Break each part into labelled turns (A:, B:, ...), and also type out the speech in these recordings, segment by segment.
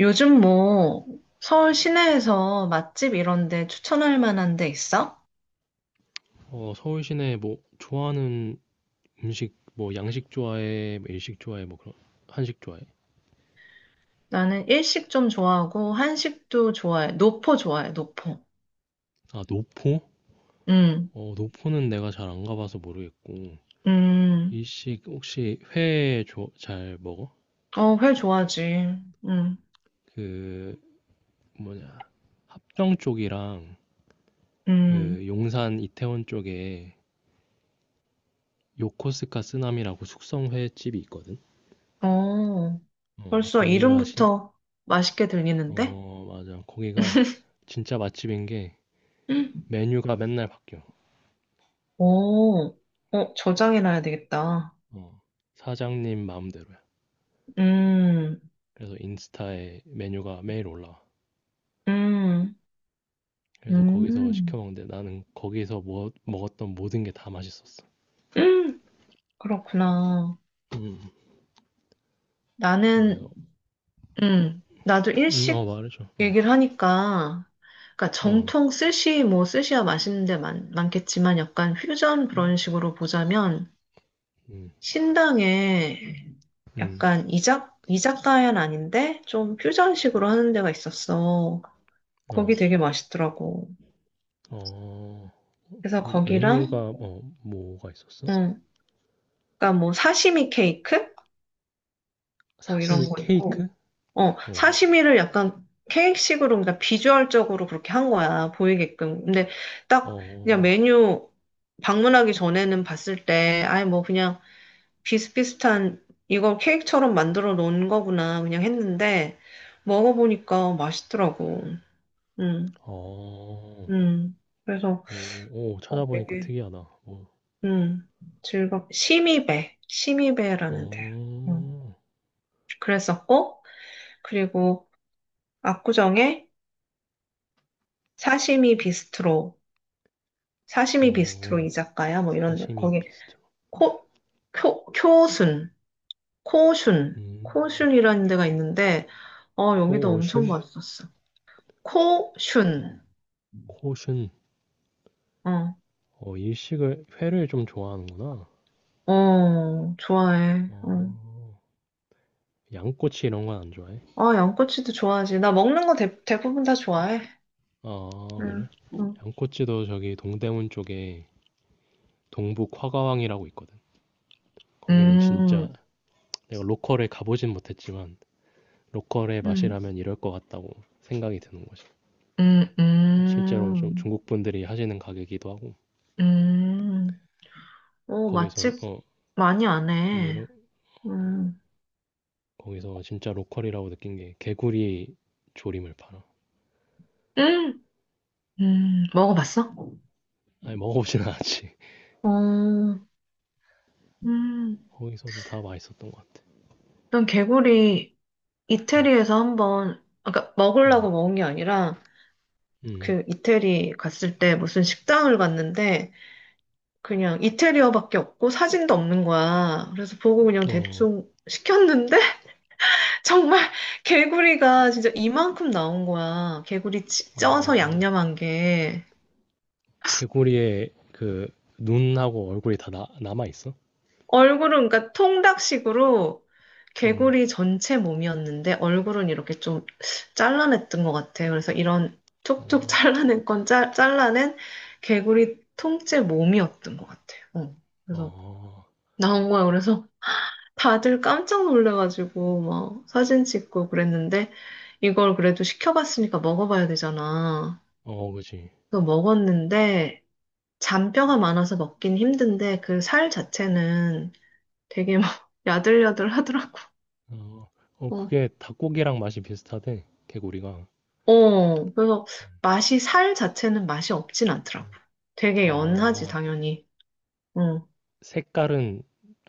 A: 요즘 뭐 서울 시내에서 맛집 이런 데 추천할 만한 데 있어?
B: 서울 시내 뭐 좋아하는 음식, 뭐 양식 좋아해, 뭐 일식 좋아해, 뭐 그런 한식 좋아해?
A: 나는 일식 좀 좋아하고 한식도 좋아해. 노포 좋아해, 노포.
B: 아, 노포?
A: 음,
B: 노포는 내가 잘 안 가봐서 모르겠고
A: 음,
B: 일식 혹시 회 잘 먹어?
A: 어, 회 좋아하지. 음,
B: 그 뭐냐 합정 쪽이랑
A: 음,
B: 그 용산 이태원 쪽에 요코스카 쓰나미라고 숙성 회집이 있거든.
A: 어,
B: 어,
A: 벌써
B: 거기가 신,
A: 이름부터 맛있게 들리는데?
B: 어, 맞아. 거기가 진짜 맛집인 게 메뉴가 맨날 바뀌어.
A: 오, 어, 저장해놔야 되겠다.
B: 어, 사장님 마음대로야.
A: 음,
B: 그래서 인스타에 메뉴가 매일 올라와.
A: 음,
B: 그래서 거기서
A: 음,
B: 시켜 먹는데 나는 거기서 먹었던 모든 게 다 맛있었어.
A: 음, 그렇구나.
B: 음, 거기서.
A: 나는 나도 일식
B: 말해줘. 어,
A: 얘기를 하니까, 그러니까
B: 어,
A: 정통 스시, 뭐 스시야 맛있는 데 많겠지만 약간 퓨전
B: 음,
A: 그런 식으로 보자면
B: 음,
A: 신당에
B: 음,
A: 약간 이자카야는 아닌데 좀 퓨전식으로 하는 데가 있었어. 거기
B: 어,
A: 되게 맛있더라고.
B: 어,
A: 그래서
B: 그
A: 거기랑,
B: 메뉴가 뭐가 있었어?
A: 음, 그러니까 뭐 사시미 케이크? 뭐 이런
B: 사시미
A: 거
B: 케이크?
A: 있고,
B: 어,
A: 사시미를 약간 케이크식으로, 그러니까 비주얼적으로 그렇게 한 거야, 보이게끔. 근데 딱 그냥
B: 어,
A: 메뉴 방문하기 전에는 봤을 때, 아예 뭐 그냥 비슷비슷한, 이걸 케이크처럼 만들어 놓은 거구나, 그냥 했는데, 먹어보니까 맛있더라고. 음.
B: 어,
A: 음. 그래서
B: 오, 오. 찾아보니까
A: 되게,
B: 특이하다. 어,
A: 음, 심이배라는 데. 음,
B: 어,
A: 그랬었고, 그리고 압구정에 사시미 비스트로,
B: 어,
A: 이자카야 뭐 이런 데
B: 사시미
A: 거기
B: 비스트로.
A: 코, 쿄, 쿄순, 코슌,
B: 음,
A: 코슌이라는 데가 있는데 여기도 엄청
B: 코오슌,
A: 맛있었어. 코슌.
B: 코오슌.
A: 어,
B: 어, 일식을 회를 좀 좋아하는구나.
A: 어 좋아해. 어.
B: 어. 양꼬치 이런 건 안 좋아해?
A: 아, 양꼬치도 좋아하지. 나 먹는 거 대부분 다 좋아해.
B: 아,
A: 응.
B: 그래?
A: 응.
B: 양꼬치도 저기 동대문 쪽에 동북 화가왕이라고 있거든. 거기는 진짜
A: 음.
B: 내가 로컬에 가보진 못했지만 로컬의
A: 음.
B: 맛이라면 이럴 것 같다고 생각이 드는 거지.
A: 음.
B: 실제로 좀
A: 음.
B: 중국 분들이 하시는 가게이기도 하고
A: 음. 오,
B: 거기선
A: 맛집
B: 어
A: 많이 안 해.
B: 이러
A: 음.
B: 거기서 진짜 로컬이라고 느낀 게 개구리 조림을 팔아.
A: 음. 음. 먹어봤어?
B: 아니, 먹어보진 않았지.
A: 어, 음,
B: 거기서도 다 맛있었던 것 같아.
A: 난 개구리
B: 음,
A: 이태리에서 한번, 아까
B: 음,
A: 먹으려고 먹은 게 아니라,
B: 음.
A: 그 이태리 갔을 때 무슨 식당을 갔는데, 그냥 이태리어밖에 없고 사진도 없는 거야. 그래서 보고 그냥
B: 어,
A: 대충 시켰는데, 정말 개구리가 진짜 이만큼 나온 거야. 개구리 쪄서
B: 어,
A: 양념한 게.
B: 개구리의 그 눈하고 얼굴이 다 남아있어?
A: 얼굴은 그러니까 통닭식으로
B: 음,
A: 개구리 전체 몸이었는데 얼굴은 이렇게 좀 잘라냈던 것 같아요. 그래서 이런 촉촉 잘라낸 건 잘라낸 개구리 통째 몸이었던 것 같아요. 어. 그래서
B: 어,
A: 나온 거야. 그래서 다들 깜짝 놀래가지고 막 사진 찍고 그랬는데 이걸 그래도 시켜봤으니까 먹어봐야 되잖아.
B: 어, 그지.
A: 그래서 먹었는데 잔뼈가 많아서 먹긴 힘든데 그 살 자체는 되게 막 야들야들하더라고.
B: 어, 어,
A: 어,
B: 그게 닭고기랑 맛이 비슷하대, 개구리가.
A: 어, 그래서 맛이 살 자체는 맛이 없진 않더라고.
B: 음,
A: 되게 연하지,
B: 아,
A: 당연히. 응.
B: 색깔은,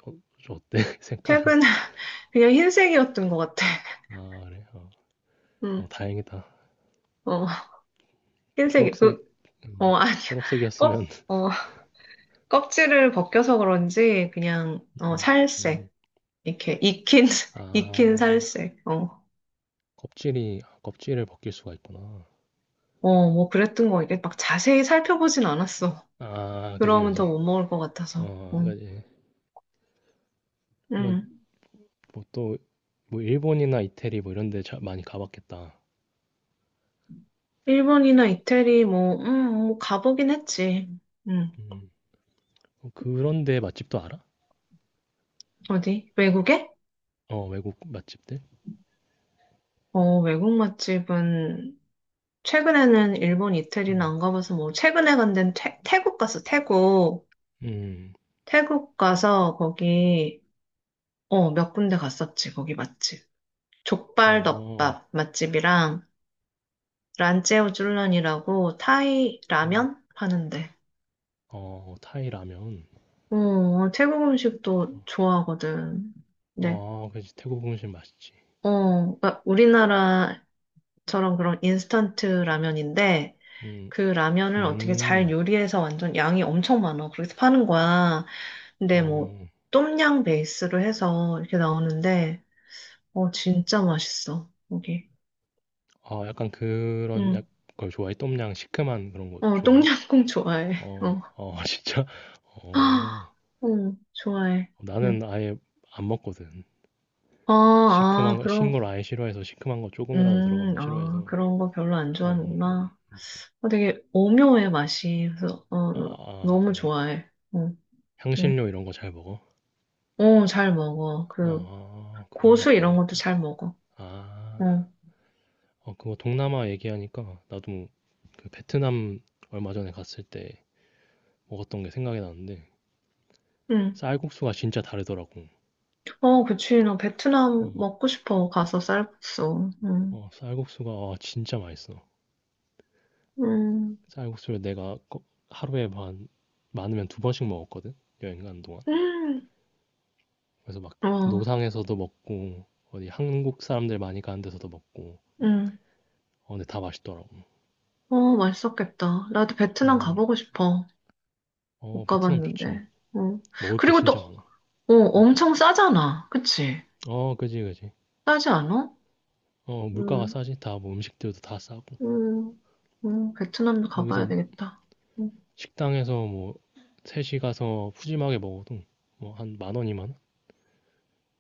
B: 어, 좀 어때? 색깔은.
A: 최근에 그냥 흰색이었던 것 같아.
B: 아, 그래. 어, 어,
A: 응.
B: 다행이다.
A: 어, 흰색이,
B: 초록색,
A: 그,
B: 음,
A: 아니야. 껍,
B: 초록색이었으면.
A: 어, 껍질을 벗겨서 그런지 그냥,
B: 음, 음.
A: 살색. 이렇게 익힌
B: 아,
A: 살색. 어,
B: 껍질을 벗길 수가 있구나.
A: 어, 뭐 그랬던 거. 이게 막 자세히 살펴보진 않았어.
B: 아, 그지,
A: 그러면 더
B: 그지.
A: 못 먹을 것 같아서.
B: 어,
A: 응.
B: 그지. 그러면
A: 응.
B: 뭐 또, 뭐 일본이나 이태리 뭐 이런 데 많이 가봤겠다.
A: 일본이나 이태리, 뭐, 뭐, 가보긴 했지. 음,
B: 음. 어, 그런 데 맛집도 알아?
A: 어디? 외국에?
B: 어, 외국 맛집들?
A: 어, 외국 맛집은, 최근에는 일본, 이태리는
B: 음.
A: 안 가봐서, 뭐, 최근에 간 데는 태국 갔어, 태국.
B: 음,
A: 태국 가서, 거기, 몇 군데 갔었지, 거기 맛집. 족발
B: 어,
A: 덮밥 맛집이랑, 란제오 쭌런이라고, 타이
B: 음.
A: 라면 파는데.
B: 어, 타이 라면.
A: 어, 태국 음식도 좋아하거든. 네.
B: 어, 그지. 태국 음식 맛있지.
A: 어, 그러니까 우리나라 저런 그런 인스턴트 라면인데
B: 음,
A: 그 라면을 어떻게 잘
B: 음,
A: 요리해서 완전 양이 엄청 많아. 그렇게 파는 거야. 근데 뭐
B: 어,
A: 똠양 베이스로 해서 이렇게 나오는데 진짜 맛있어. 여기.
B: 어, 약간 그런
A: 응.
B: 걸 좋아해? 똠양 시큼한 그런 거
A: 어,
B: 좋아해?
A: 똠양꿍 좋아해.
B: 어,
A: 어.
B: 어, 진짜?
A: 아,
B: 어,
A: 응, 좋아해. 응.
B: 나는 아예 안 먹거든.
A: 아,
B: 시큼한
A: 아,
B: 거, 신걸 아예 싫어해서, 시큼한 거 조금이라도 들어가면 싫어해서
A: 그런 거 별로 안
B: 잘 안 먹는데.
A: 좋아하는구나. 어, 되게 오묘해 맛이. 그래서
B: 아 아,
A: 너무
B: 그래.
A: 좋아해. 어, 응.
B: 향신료 이런 거 잘 먹어?
A: 어, 잘 먹어. 그
B: 아, 그러면
A: 고수 이런 것도
B: 좋아하겠다.
A: 잘 먹어.
B: 아,
A: 어,
B: 어, 그거 동남아 얘기하니까 나도 그 베트남 얼마 전에 갔을 때 먹었던 게 생각이 나는데
A: 응.
B: 쌀국수가 진짜 다르더라고.
A: 어, 그치. 나 베트남
B: 음.
A: 먹고 싶어. 가서 쌀국수. 응.
B: 어, 쌀국수가 진짜 맛있어.
A: 음.
B: 쌀국수를 내가 하루에 반, 많으면 두 번씩 먹었거든. 여행 가는 동안.
A: 음.
B: 그래서 막
A: 어,
B: 노상에서도 먹고 어디 한국 사람들 많이 가는 데서도 먹고.
A: 응.
B: 어, 근데 다 맛있더라고.
A: 어, 맛있었겠다. 나도 베트남
B: 음.
A: 가보고 싶어. 못
B: 어, 베트남 좋지.
A: 가봤는데. 어.
B: 먹을 게
A: 그리고 또,
B: 진짜 많아. 음.
A: 엄청 싸잖아. 그치?
B: 어, 그지, 그지.
A: 싸지 않아?
B: 어, 물가가
A: 음,
B: 싸지. 다 뭐 음식들도 다 싸고.
A: 음, 베트남도
B: 거기서
A: 가봐야 되겠다. 음,
B: 식당에서 뭐 셋이 가서 푸짐하게 먹어도 뭐 한 만 원, 이만 원?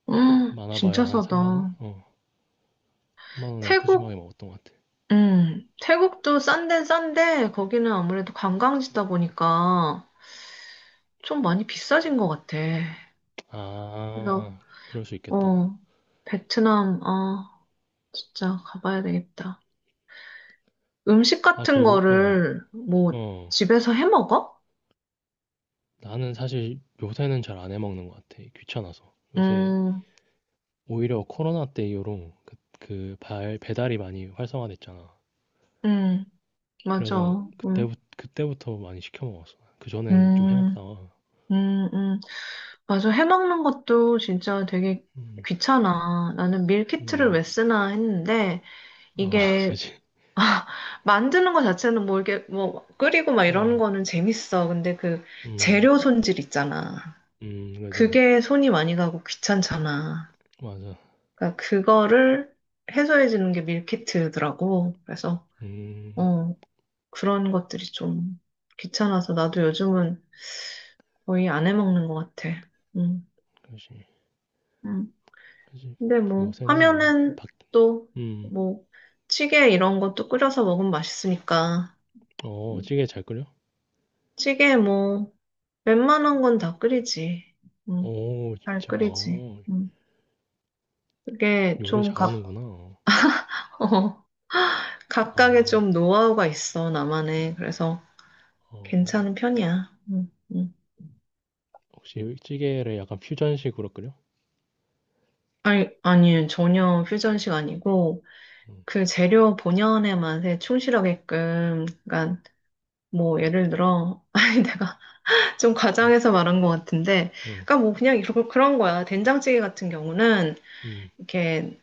A: 진짜
B: 많아봐야 한 3만 원?
A: 싸다.
B: 어, 3만 원에 푸짐하게
A: 태국
B: 먹었던 것 같아.
A: 태국도 싼 데는 싼데 거기는 아무래도 관광지다 보니까 좀 많이 비싸진 것 같아. 그래서
B: 아, 그럴 수 있겠다.
A: 어, 베트남 진짜 가봐야 되겠다. 음식
B: 아,
A: 같은
B: 그리고 어,
A: 거를 뭐
B: 어.
A: 집에서 해 먹어?
B: 나는 사실 요새는 잘 안 해먹는 것 같아. 귀찮아서. 요새
A: 음,
B: 오히려 코로나 때 이후로 발, 배달이 많이 활성화됐잖아.
A: 음,
B: 그래서
A: 맞아. 음.
B: 그때부터 많이 시켜 먹었어. 그전엔 좀 해
A: 음.
B: 먹다가.
A: 음. 음. 맞아. 해 먹는 것도 진짜 되게
B: 음.
A: 귀찮아. 나는 밀키트를
B: 음.
A: 왜 쓰나 했는데
B: 어.
A: 이게
B: 그치.
A: 아, 만드는 거 자체는 뭐 이게 뭐 끓이고 막
B: 어.
A: 이러는 거는 재밌어. 근데 그
B: 음.
A: 재료 손질 있잖아.
B: 음, 그지.
A: 그게 손이 많이 가고 귀찮잖아.
B: 맞아.
A: 그러니까 그거를 해소해 주는 게 밀키트더라고. 그래서
B: 음.
A: 어, 그런 것들이 좀 귀찮아서 나도 요즘은 거의 안 해 먹는 것 같아. 음.
B: 그지.
A: 음.
B: 그지.
A: 근데 뭐
B: 요새는 뭐
A: 하면은
B: 밖.
A: 또
B: 음.
A: 뭐 찌개 이런 것도 끓여서 먹으면 맛있으니까.
B: 어, 찌개 잘 끓여?
A: 찌개 뭐 웬만한 건 다 끓이지. 응,
B: 어,
A: 잘
B: 진짜?
A: 끓이지.
B: 어,
A: 응. 그게
B: 요리
A: 좀
B: 잘하는구나.
A: 어, 각각의
B: 아.
A: 좀 노하우가 있어, 나만의. 그래서 괜찮은
B: 어.
A: 편이야. 응, 응.
B: 혹시 찌개를 약간 퓨전식으로 끓여?
A: 아니, 아니, 전혀 퓨전식 아니고,
B: 음.
A: 그 재료 본연의 맛에 충실하게끔, 그러니까 뭐 예를 들어, 아니 내가 좀
B: 음.
A: 과장해서 말한 것 같은데,
B: 음.
A: 그러니까 뭐 그냥 이렇게 그런 거야. 된장찌개 같은 경우는
B: 음.
A: 이렇게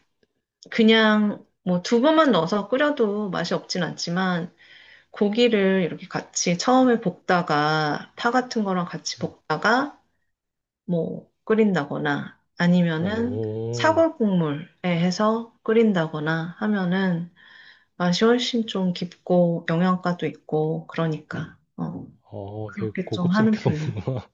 A: 그냥 뭐 두부만 넣어서 끓여도 맛이 없진 않지만 고기를 이렇게 같이 처음에 볶다가 파 같은 거랑 같이
B: 음.
A: 볶다가 뭐 끓인다거나 아니면은
B: 어.
A: 사골 국물에 해서 끓인다거나 하면은 맛이 훨씬 좀 깊고 영양가도 있고 그러니까
B: 어, 되게
A: 그렇게 좀 하는
B: 고급스럽게
A: 편이에요.
B: 먹는구나.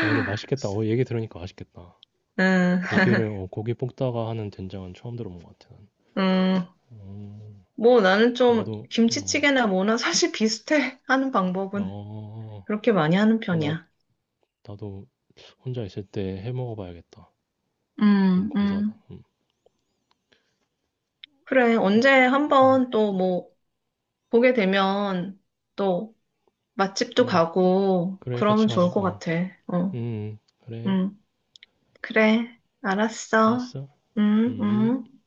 B: 어, 근데 맛있겠다. 어, 얘기 들으니까 맛있겠다.
A: 음,
B: 고기 볶다가 하는 된장은 처음 들어본 것 같아, 난.
A: 음,
B: 음,
A: 뭐 나는
B: 어,
A: 좀
B: 나도, 어,
A: 김치찌개나 뭐나 사실 비슷해 하는 방법은
B: 어,
A: 그렇게 많이 하는
B: 어, 나,
A: 편이야.
B: 나도 혼자 있을 때 해 먹어봐야겠다. 너무
A: 음.
B: 감사하다.
A: 음. 그래, 언제
B: 또, 음,
A: 한번 또 뭐, 보게 되면 또 맛집도
B: 그래,
A: 가고,
B: 그래,
A: 그러면
B: 같이 가자.
A: 좋을 것
B: 응,
A: 같아. 어,
B: 음, 음, 그래,
A: 음. 그래, 알았어.
B: 알았어.
A: 음.
B: 음.
A: 음.